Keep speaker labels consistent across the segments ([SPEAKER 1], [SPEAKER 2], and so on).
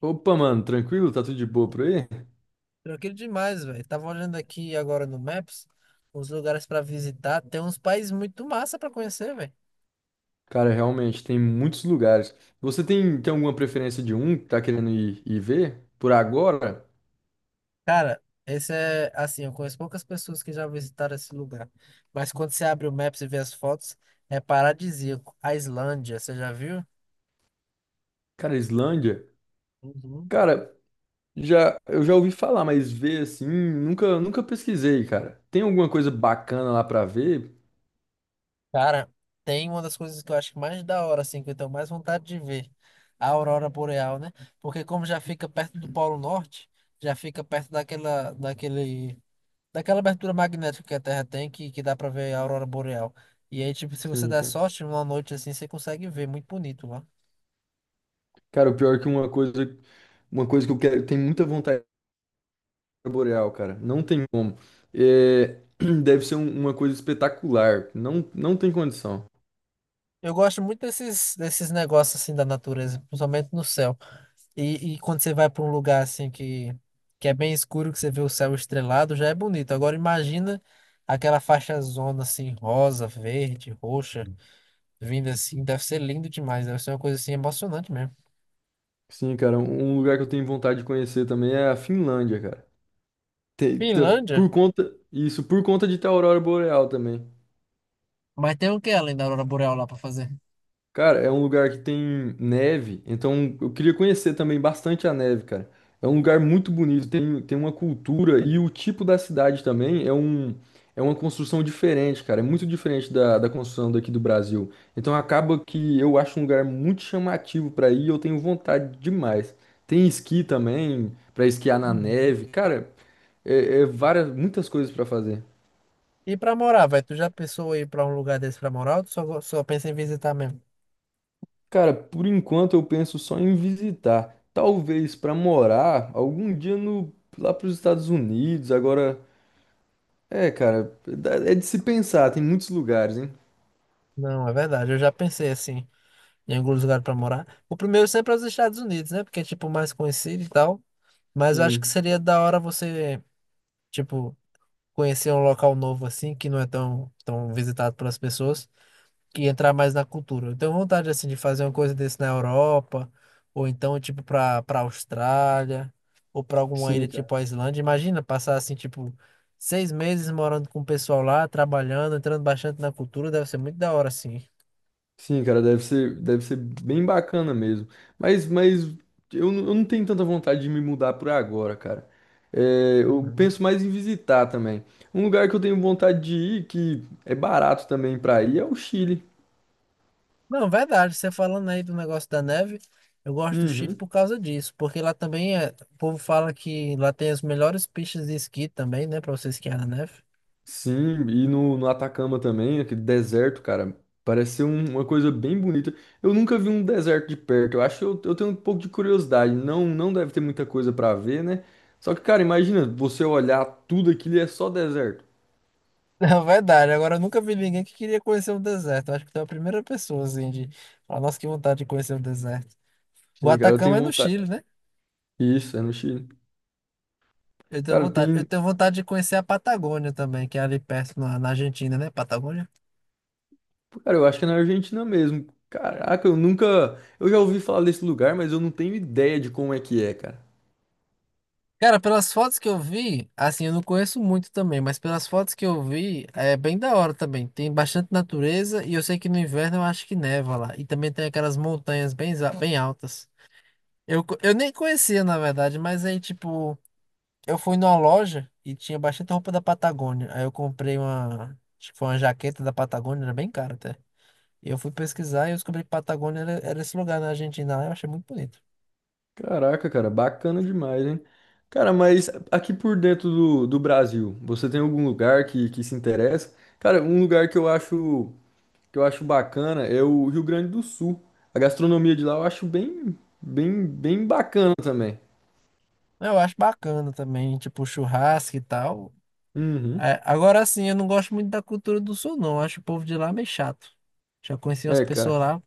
[SPEAKER 1] Opa, mano, tranquilo? Tá tudo de boa por aí?
[SPEAKER 2] Tranquilo demais, velho. Tava olhando aqui agora no Maps os lugares pra visitar. Tem uns países muito massa pra conhecer, velho.
[SPEAKER 1] Cara, realmente, tem muitos lugares. Você tem alguma preferência de um que tá querendo ir ver? Por agora?
[SPEAKER 2] Cara, esse é assim, eu conheço poucas pessoas que já visitaram esse lugar. Mas quando você abre o Maps e vê as fotos, é paradisíaco. A Islândia, você já viu?
[SPEAKER 1] Cara, Islândia?
[SPEAKER 2] Uhum.
[SPEAKER 1] Cara, já, eu já ouvi falar, mas ver assim, nunca, nunca pesquisei, cara. Tem alguma coisa bacana lá pra ver?
[SPEAKER 2] Cara, tem uma das coisas que eu acho que mais da hora, assim, que eu tenho mais vontade de ver, a aurora boreal, né? Porque como já fica perto do Polo Norte, já fica perto daquela abertura magnética que a Terra tem, que dá pra ver a aurora boreal. E aí, tipo, se você
[SPEAKER 1] Sim,
[SPEAKER 2] der
[SPEAKER 1] cara.
[SPEAKER 2] sorte, numa noite assim, você consegue ver, muito bonito lá.
[SPEAKER 1] Cara, o pior é que uma coisa que eu quero, tenho muita vontade de ver boreal, cara. Não tem como. É, deve ser uma coisa espetacular. Não, não tem condição.
[SPEAKER 2] Eu gosto muito desses negócios assim da natureza, principalmente no céu. E quando você vai pra um lugar assim que é bem escuro, que você vê o céu estrelado, já é bonito. Agora imagina aquela faixa zona assim, rosa, verde, roxa, vindo assim, deve ser lindo demais, deve ser uma coisa assim emocionante mesmo.
[SPEAKER 1] Sim, cara, um lugar que eu tenho vontade de conhecer também é a Finlândia, cara. Tem- tá-
[SPEAKER 2] Finlândia?
[SPEAKER 1] por conta, isso, por conta de ter a aurora boreal também.
[SPEAKER 2] Mas tem o que além da aurora boreal lá pra fazer?
[SPEAKER 1] Cara, é um lugar que tem neve, então eu queria conhecer também bastante a neve, cara. É um lugar muito bonito, tem uma cultura e o tipo da cidade também é uma construção diferente, cara. É muito diferente da construção daqui do Brasil. Então acaba que eu acho um lugar muito chamativo pra ir, e eu tenho vontade demais. Tem esqui também, pra esquiar na neve. Cara, é, é várias, muitas coisas para fazer.
[SPEAKER 2] E pra morar, velho, tu já pensou em ir pra um lugar desse pra morar ou tu só, só pensa em visitar mesmo?
[SPEAKER 1] Cara, por enquanto eu penso só em visitar. Talvez para morar algum dia no, lá para os Estados Unidos. Agora, é, cara, é de se pensar. Tem muitos lugares, hein?
[SPEAKER 2] Não, é verdade, eu já pensei assim, em algum lugar pra morar. O primeiro sempre é os Estados Unidos, né? Porque é tipo mais conhecido e tal. Mas eu acho que
[SPEAKER 1] Sim,
[SPEAKER 2] seria da hora você, tipo, conhecer um local novo assim, que não é tão visitado pelas pessoas. E entrar mais na cultura. Eu tenho vontade assim de fazer uma coisa desse na Europa, ou então tipo para Austrália, ou para alguma
[SPEAKER 1] sim,
[SPEAKER 2] ilha
[SPEAKER 1] cara.
[SPEAKER 2] tipo a Islândia. Imagina passar assim tipo 6 meses morando com o pessoal lá, trabalhando, entrando bastante na cultura, deve ser muito da hora assim.
[SPEAKER 1] Sim, cara, deve ser bem bacana mesmo. Mas eu não tenho tanta vontade de me mudar por agora, cara. É, eu
[SPEAKER 2] Uhum.
[SPEAKER 1] penso mais em visitar também. Um lugar que eu tenho vontade de ir, que é barato também para ir, é o Chile.
[SPEAKER 2] Não, verdade, você falando aí do negócio da neve, eu gosto do Chile
[SPEAKER 1] Uhum.
[SPEAKER 2] por causa disso, porque lá também é, o povo fala que lá tem as melhores pistas de esqui também, né, para você esquiar na neve.
[SPEAKER 1] Sim, e no Atacama também, aquele deserto, cara, parece ser uma coisa bem bonita. Eu nunca vi um deserto de perto, eu acho que eu tenho um pouco de curiosidade, não, não deve ter muita coisa pra ver, né? Só que, cara, imagina, você olhar tudo aquilo e é só deserto.
[SPEAKER 2] Na verdade, agora eu nunca vi ninguém que queria conhecer o deserto. Eu acho que tu é a primeira pessoa, assim, de falar, nossa, que vontade de conhecer o deserto. O
[SPEAKER 1] Sim, cara, eu
[SPEAKER 2] Atacama
[SPEAKER 1] tenho
[SPEAKER 2] é no
[SPEAKER 1] vontade.
[SPEAKER 2] Chile, né?
[SPEAKER 1] Isso, é no Chile. Cara,
[SPEAKER 2] Eu
[SPEAKER 1] tem.
[SPEAKER 2] tenho vontade de conhecer a Patagônia também, que é ali perto na Argentina, né? Patagônia.
[SPEAKER 1] Cara, eu acho que é na Argentina mesmo. Caraca, eu nunca. Eu já ouvi falar desse lugar, mas eu não tenho ideia de como é que é, cara.
[SPEAKER 2] Cara, pelas fotos que eu vi, assim, eu não conheço muito também, mas pelas fotos que eu vi, é bem da hora também. Tem bastante natureza e eu sei que no inverno eu acho que neva lá. E também tem aquelas montanhas bem, bem altas. Eu nem conhecia, na verdade, mas aí, tipo. Eu fui numa loja e tinha bastante roupa da Patagônia. Aí eu comprei uma, acho que foi uma jaqueta da Patagônia, era bem cara até. E eu fui pesquisar e eu descobri que Patagônia era esse lugar na Argentina lá. Eu achei muito bonito.
[SPEAKER 1] Caraca, cara, bacana demais, hein? Cara, mas aqui por dentro do Brasil, você tem algum lugar que se interessa? Cara, um lugar que eu acho bacana é o Rio Grande do Sul. A gastronomia de lá eu acho bem bacana também.
[SPEAKER 2] Eu acho bacana também, tipo churrasco e tal.
[SPEAKER 1] Uhum.
[SPEAKER 2] É, agora sim, eu não gosto muito da cultura do sul, não. Eu acho o povo de lá meio chato. Já conheci umas
[SPEAKER 1] É,
[SPEAKER 2] pessoas
[SPEAKER 1] cara,
[SPEAKER 2] lá.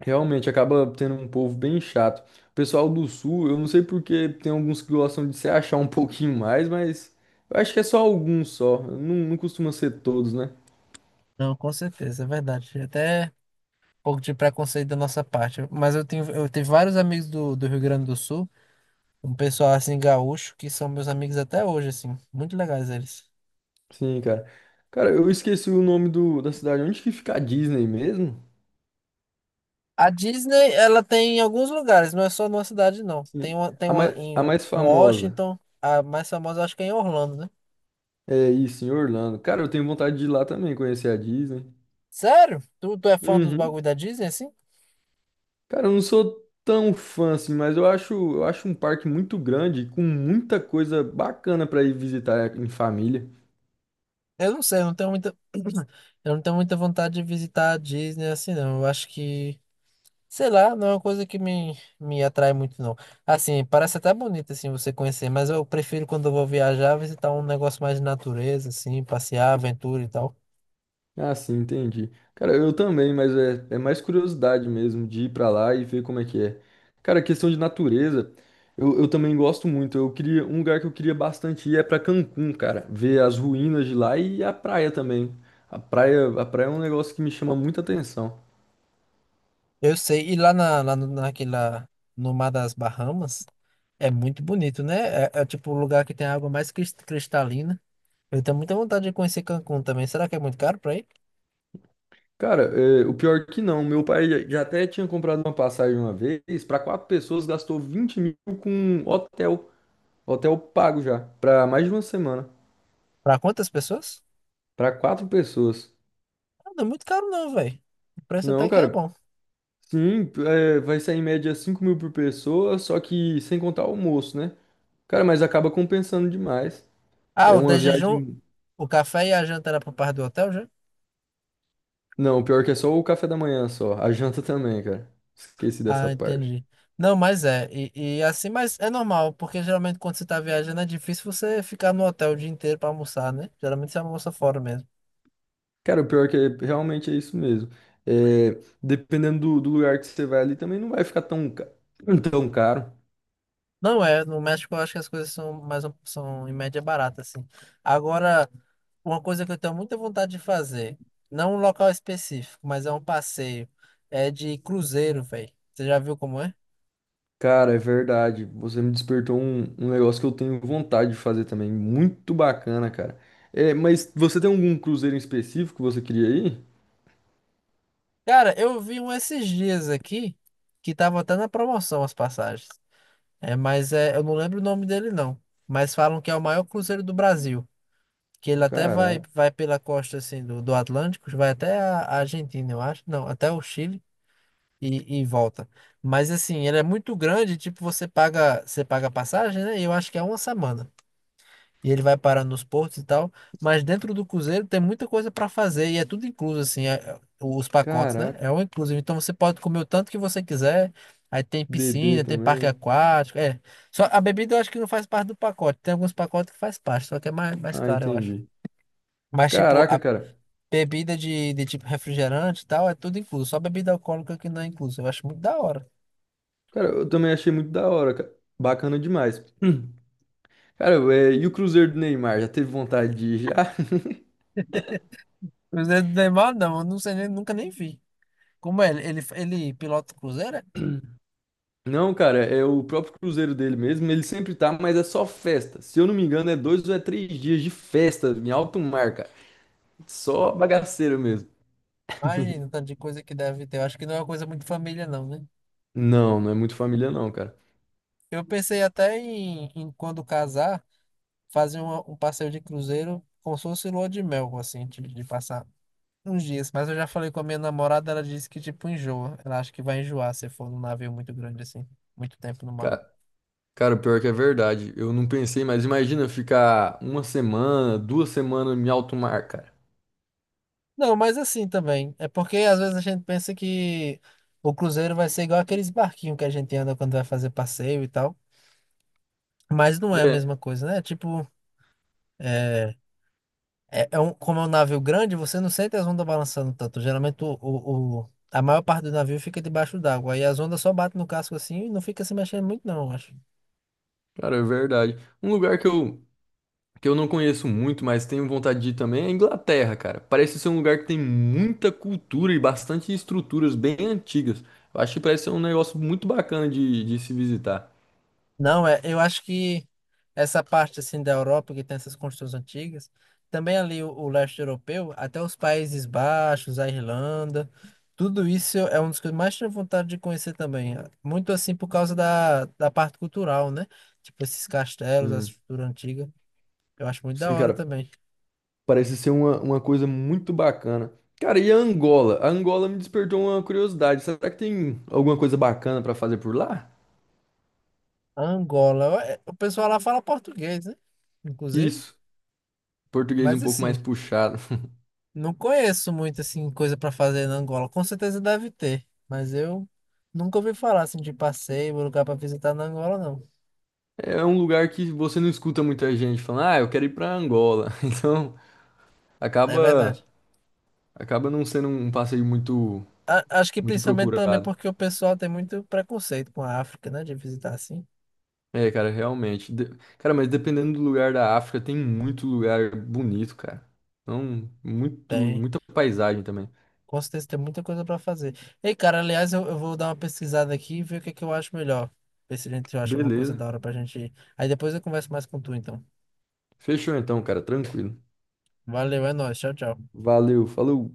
[SPEAKER 1] realmente acaba tendo um povo bem chato. O pessoal do Sul, eu não sei porque tem alguns que gostam de se achar um pouquinho mais, mas eu acho que é só alguns só. Não, não costuma ser todos, né?
[SPEAKER 2] Não, com certeza, é verdade. Até um pouco de preconceito da nossa parte. Mas eu tenho vários amigos do Rio Grande do Sul. Um pessoal assim gaúcho que são meus amigos até hoje, assim. Muito legais eles.
[SPEAKER 1] Sim, cara. Cara, eu esqueci o nome da cidade. Onde que fica a Disney mesmo?
[SPEAKER 2] A Disney, ela tem em alguns lugares, não é só numa cidade, não.
[SPEAKER 1] Sim.
[SPEAKER 2] Tem uma em
[SPEAKER 1] A
[SPEAKER 2] um
[SPEAKER 1] mais famosa.
[SPEAKER 2] Washington, a mais famosa acho que é em Orlando, né?
[SPEAKER 1] É isso, em Orlando. Cara, eu tenho vontade de ir lá também, conhecer a Disney.
[SPEAKER 2] Sério? Tu, tu é fã dos
[SPEAKER 1] Uhum.
[SPEAKER 2] bagulho da Disney, assim?
[SPEAKER 1] Cara, eu não sou tão fã assim, mas eu acho um parque muito grande, com muita coisa bacana pra ir visitar em família.
[SPEAKER 2] Eu não sei, eu não tenho muita. Eu não tenho muita vontade de visitar a Disney assim, não. Eu acho que. Sei lá, não é uma coisa que me atrai muito, não. Assim, parece até bonito, assim, você conhecer, mas eu prefiro quando eu vou viajar, visitar um negócio mais de natureza, assim, passear, aventura e tal.
[SPEAKER 1] Ah, sim, entendi. Cara, eu também, mas é, é mais curiosidade mesmo de ir pra lá e ver como é que é. Cara, questão de natureza, eu também gosto muito. Eu queria, um lugar que eu queria bastante ir é pra Cancún, cara. Ver as ruínas de lá e a praia também. A praia é um negócio que me chama muita atenção.
[SPEAKER 2] Eu sei, e lá, na, lá no- naquela, no Mar das Bahamas, é muito bonito, né? É, é tipo o lugar que tem a água mais cristalina. Eu tenho muita vontade de conhecer Cancún também. Será que é muito caro pra ir?
[SPEAKER 1] Cara, é, o pior que não, meu pai já até tinha comprado uma passagem uma vez, pra quatro pessoas, gastou 20.000 com um hotel, hotel pago já, pra mais de uma semana,
[SPEAKER 2] Pra quantas pessoas?
[SPEAKER 1] pra quatro pessoas.
[SPEAKER 2] Ah, não é muito caro não, velho. O preço até
[SPEAKER 1] Não,
[SPEAKER 2] que é
[SPEAKER 1] cara,
[SPEAKER 2] bom.
[SPEAKER 1] sim, é, vai sair em média 5.000 por pessoa, só que sem contar o almoço, né? Cara, mas acaba compensando demais.
[SPEAKER 2] Ah,
[SPEAKER 1] É
[SPEAKER 2] o de
[SPEAKER 1] uma
[SPEAKER 2] jejum,
[SPEAKER 1] viagem.
[SPEAKER 2] o café e a janta era por parte do hotel já?
[SPEAKER 1] Não, o pior que é só o café da manhã só. A janta também, cara. Esqueci dessa
[SPEAKER 2] Ah,
[SPEAKER 1] parte.
[SPEAKER 2] entendi. Não, mas é. E assim, mas é normal, porque geralmente quando você tá viajando é difícil você ficar no hotel o dia inteiro pra almoçar, né? Geralmente você almoça fora mesmo.
[SPEAKER 1] Cara, o pior que é, realmente é isso mesmo. É, dependendo do lugar que você vai ali, também não vai ficar tão, tão caro.
[SPEAKER 2] Não, é, no México eu acho que as coisas são mais são em média barata, assim. Agora, uma coisa que eu tenho muita vontade de fazer, não um local específico, mas é um passeio, é de cruzeiro, velho. Você já viu como é?
[SPEAKER 1] Cara, é verdade. Você me despertou um negócio que eu tenho vontade de fazer também. Muito bacana, cara. É, mas você tem algum cruzeiro em específico que você queria ir?
[SPEAKER 2] Cara, eu vi um esses dias aqui que tava até na promoção as passagens. É, mas é, eu não lembro o nome dele não, mas falam que é o maior cruzeiro do Brasil, que ele até vai
[SPEAKER 1] Caraca,
[SPEAKER 2] vai pela costa assim do Atlântico, vai até a Argentina, eu acho. Não, até o Chile. E volta. Mas assim, ele é muito grande, tipo, você paga a passagem, né? E eu acho que é uma semana. E ele vai parar nos portos e tal, mas dentro do cruzeiro tem muita coisa para fazer e é tudo incluso assim, os pacotes, né?
[SPEAKER 1] caraca,
[SPEAKER 2] É um inclusive. Então você pode comer o tanto que você quiser. Aí tem
[SPEAKER 1] bebê
[SPEAKER 2] piscina, tem parque
[SPEAKER 1] também.
[SPEAKER 2] aquático, é. Só a bebida eu acho que não faz parte do pacote. Tem alguns pacotes que faz parte, só que é mais
[SPEAKER 1] Ah,
[SPEAKER 2] caro, eu acho.
[SPEAKER 1] entendi.
[SPEAKER 2] Mas tipo,
[SPEAKER 1] Caraca,
[SPEAKER 2] a
[SPEAKER 1] cara.
[SPEAKER 2] bebida de tipo refrigerante e tal, é tudo incluso. Só bebida alcoólica que não é incluso. Eu acho muito da hora.
[SPEAKER 1] Cara, eu também achei muito da hora, cara. Bacana demais. Hum. Cara, é, e o Cruzeiro do Neymar? Já teve vontade de ir já?
[SPEAKER 2] Cruzeiro do Neymar, não. Eu não sei, nem, nunca nem vi. Como é? Ele pilota o Cruzeiro? É?
[SPEAKER 1] Não, cara, é o próprio Cruzeiro dele mesmo. Ele sempre tá, mas é só festa. Se eu não me engano, é dois ou é três dias de festa em alto mar, cara. Só bagaceiro mesmo.
[SPEAKER 2] Imagina, o tanto de coisa que deve ter. Eu acho que não é uma coisa muito família, não, né?
[SPEAKER 1] Não, não é muito família, não, cara.
[SPEAKER 2] Eu pensei até em quando casar, fazer um passeio de cruzeiro como se fosse lua de mel, assim, de passar uns dias. Mas eu já falei com a minha namorada, ela disse que, tipo, enjoa. Ela acha que vai enjoar se for num navio muito grande, assim, muito tempo no mar.
[SPEAKER 1] Ca- Cara, pior que é verdade. Eu não pensei, mas imagina ficar uma semana, duas semanas em alto mar, cara.
[SPEAKER 2] Não, mas assim também. É porque às vezes a gente pensa que o cruzeiro vai ser igual aqueles barquinhos que a gente anda quando vai fazer passeio e tal. Mas não é a
[SPEAKER 1] É,
[SPEAKER 2] mesma coisa, né? Tipo, é, é um, como é um navio grande, você não sente as ondas balançando tanto. Geralmente a maior parte do navio fica debaixo d'água. Aí as ondas só batem no casco assim e não fica se mexendo muito, não, eu acho.
[SPEAKER 1] cara, é verdade. Um lugar que que eu não conheço muito, mas tenho vontade de ir também é a Inglaterra, cara. Parece ser um lugar que tem muita cultura e bastante estruturas bem antigas. Eu acho que parece ser um negócio muito bacana de se visitar.
[SPEAKER 2] Não, é, eu acho que essa parte assim da Europa que tem essas construções antigas, também ali o leste europeu, até os Países Baixos, a Irlanda, tudo isso é uma das coisas que eu mais tenho vontade de conhecer também. Muito assim por causa da parte cultural, né? Tipo esses castelos, a
[SPEAKER 1] Sim,
[SPEAKER 2] estrutura antiga, eu acho muito da
[SPEAKER 1] sim,
[SPEAKER 2] hora
[SPEAKER 1] cara,
[SPEAKER 2] também.
[SPEAKER 1] parece ser uma coisa muito bacana. Cara, e a Angola? A Angola me despertou uma curiosidade. Será que tem alguma coisa bacana pra fazer por lá?
[SPEAKER 2] Angola, é, o pessoal lá fala português, né? Inclusive,
[SPEAKER 1] Isso, português um
[SPEAKER 2] mas
[SPEAKER 1] pouco mais
[SPEAKER 2] assim,
[SPEAKER 1] puxado.
[SPEAKER 2] não conheço muito assim coisa pra fazer na Angola. Com certeza deve ter, mas eu nunca ouvi falar assim de passeio, lugar pra visitar na Angola, não.
[SPEAKER 1] É é um lugar que você não escuta muita gente falando, ah, eu quero ir pra Angola. Então,
[SPEAKER 2] É
[SPEAKER 1] acaba
[SPEAKER 2] verdade.
[SPEAKER 1] não sendo um passeio
[SPEAKER 2] A- acho que
[SPEAKER 1] muito
[SPEAKER 2] principalmente também
[SPEAKER 1] procurado.
[SPEAKER 2] porque o pessoal tem muito preconceito com a África, né, de visitar assim.
[SPEAKER 1] É, cara, realmente. De- Cara, mas dependendo do lugar da África, tem muito lugar bonito, cara. Então, muito
[SPEAKER 2] Tem.
[SPEAKER 1] muita paisagem também.
[SPEAKER 2] Com certeza tem muita coisa pra fazer. Ei, cara, aliás, eu vou dar uma pesquisada aqui e ver o que é que eu acho melhor. Ver se a gente acha alguma coisa
[SPEAKER 1] Beleza.
[SPEAKER 2] da hora pra gente ir. Aí depois eu converso mais com tu, então.
[SPEAKER 1] Fechou então, cara, tranquilo.
[SPEAKER 2] Valeu, é nóis. Tchau, tchau.
[SPEAKER 1] Valeu, falou.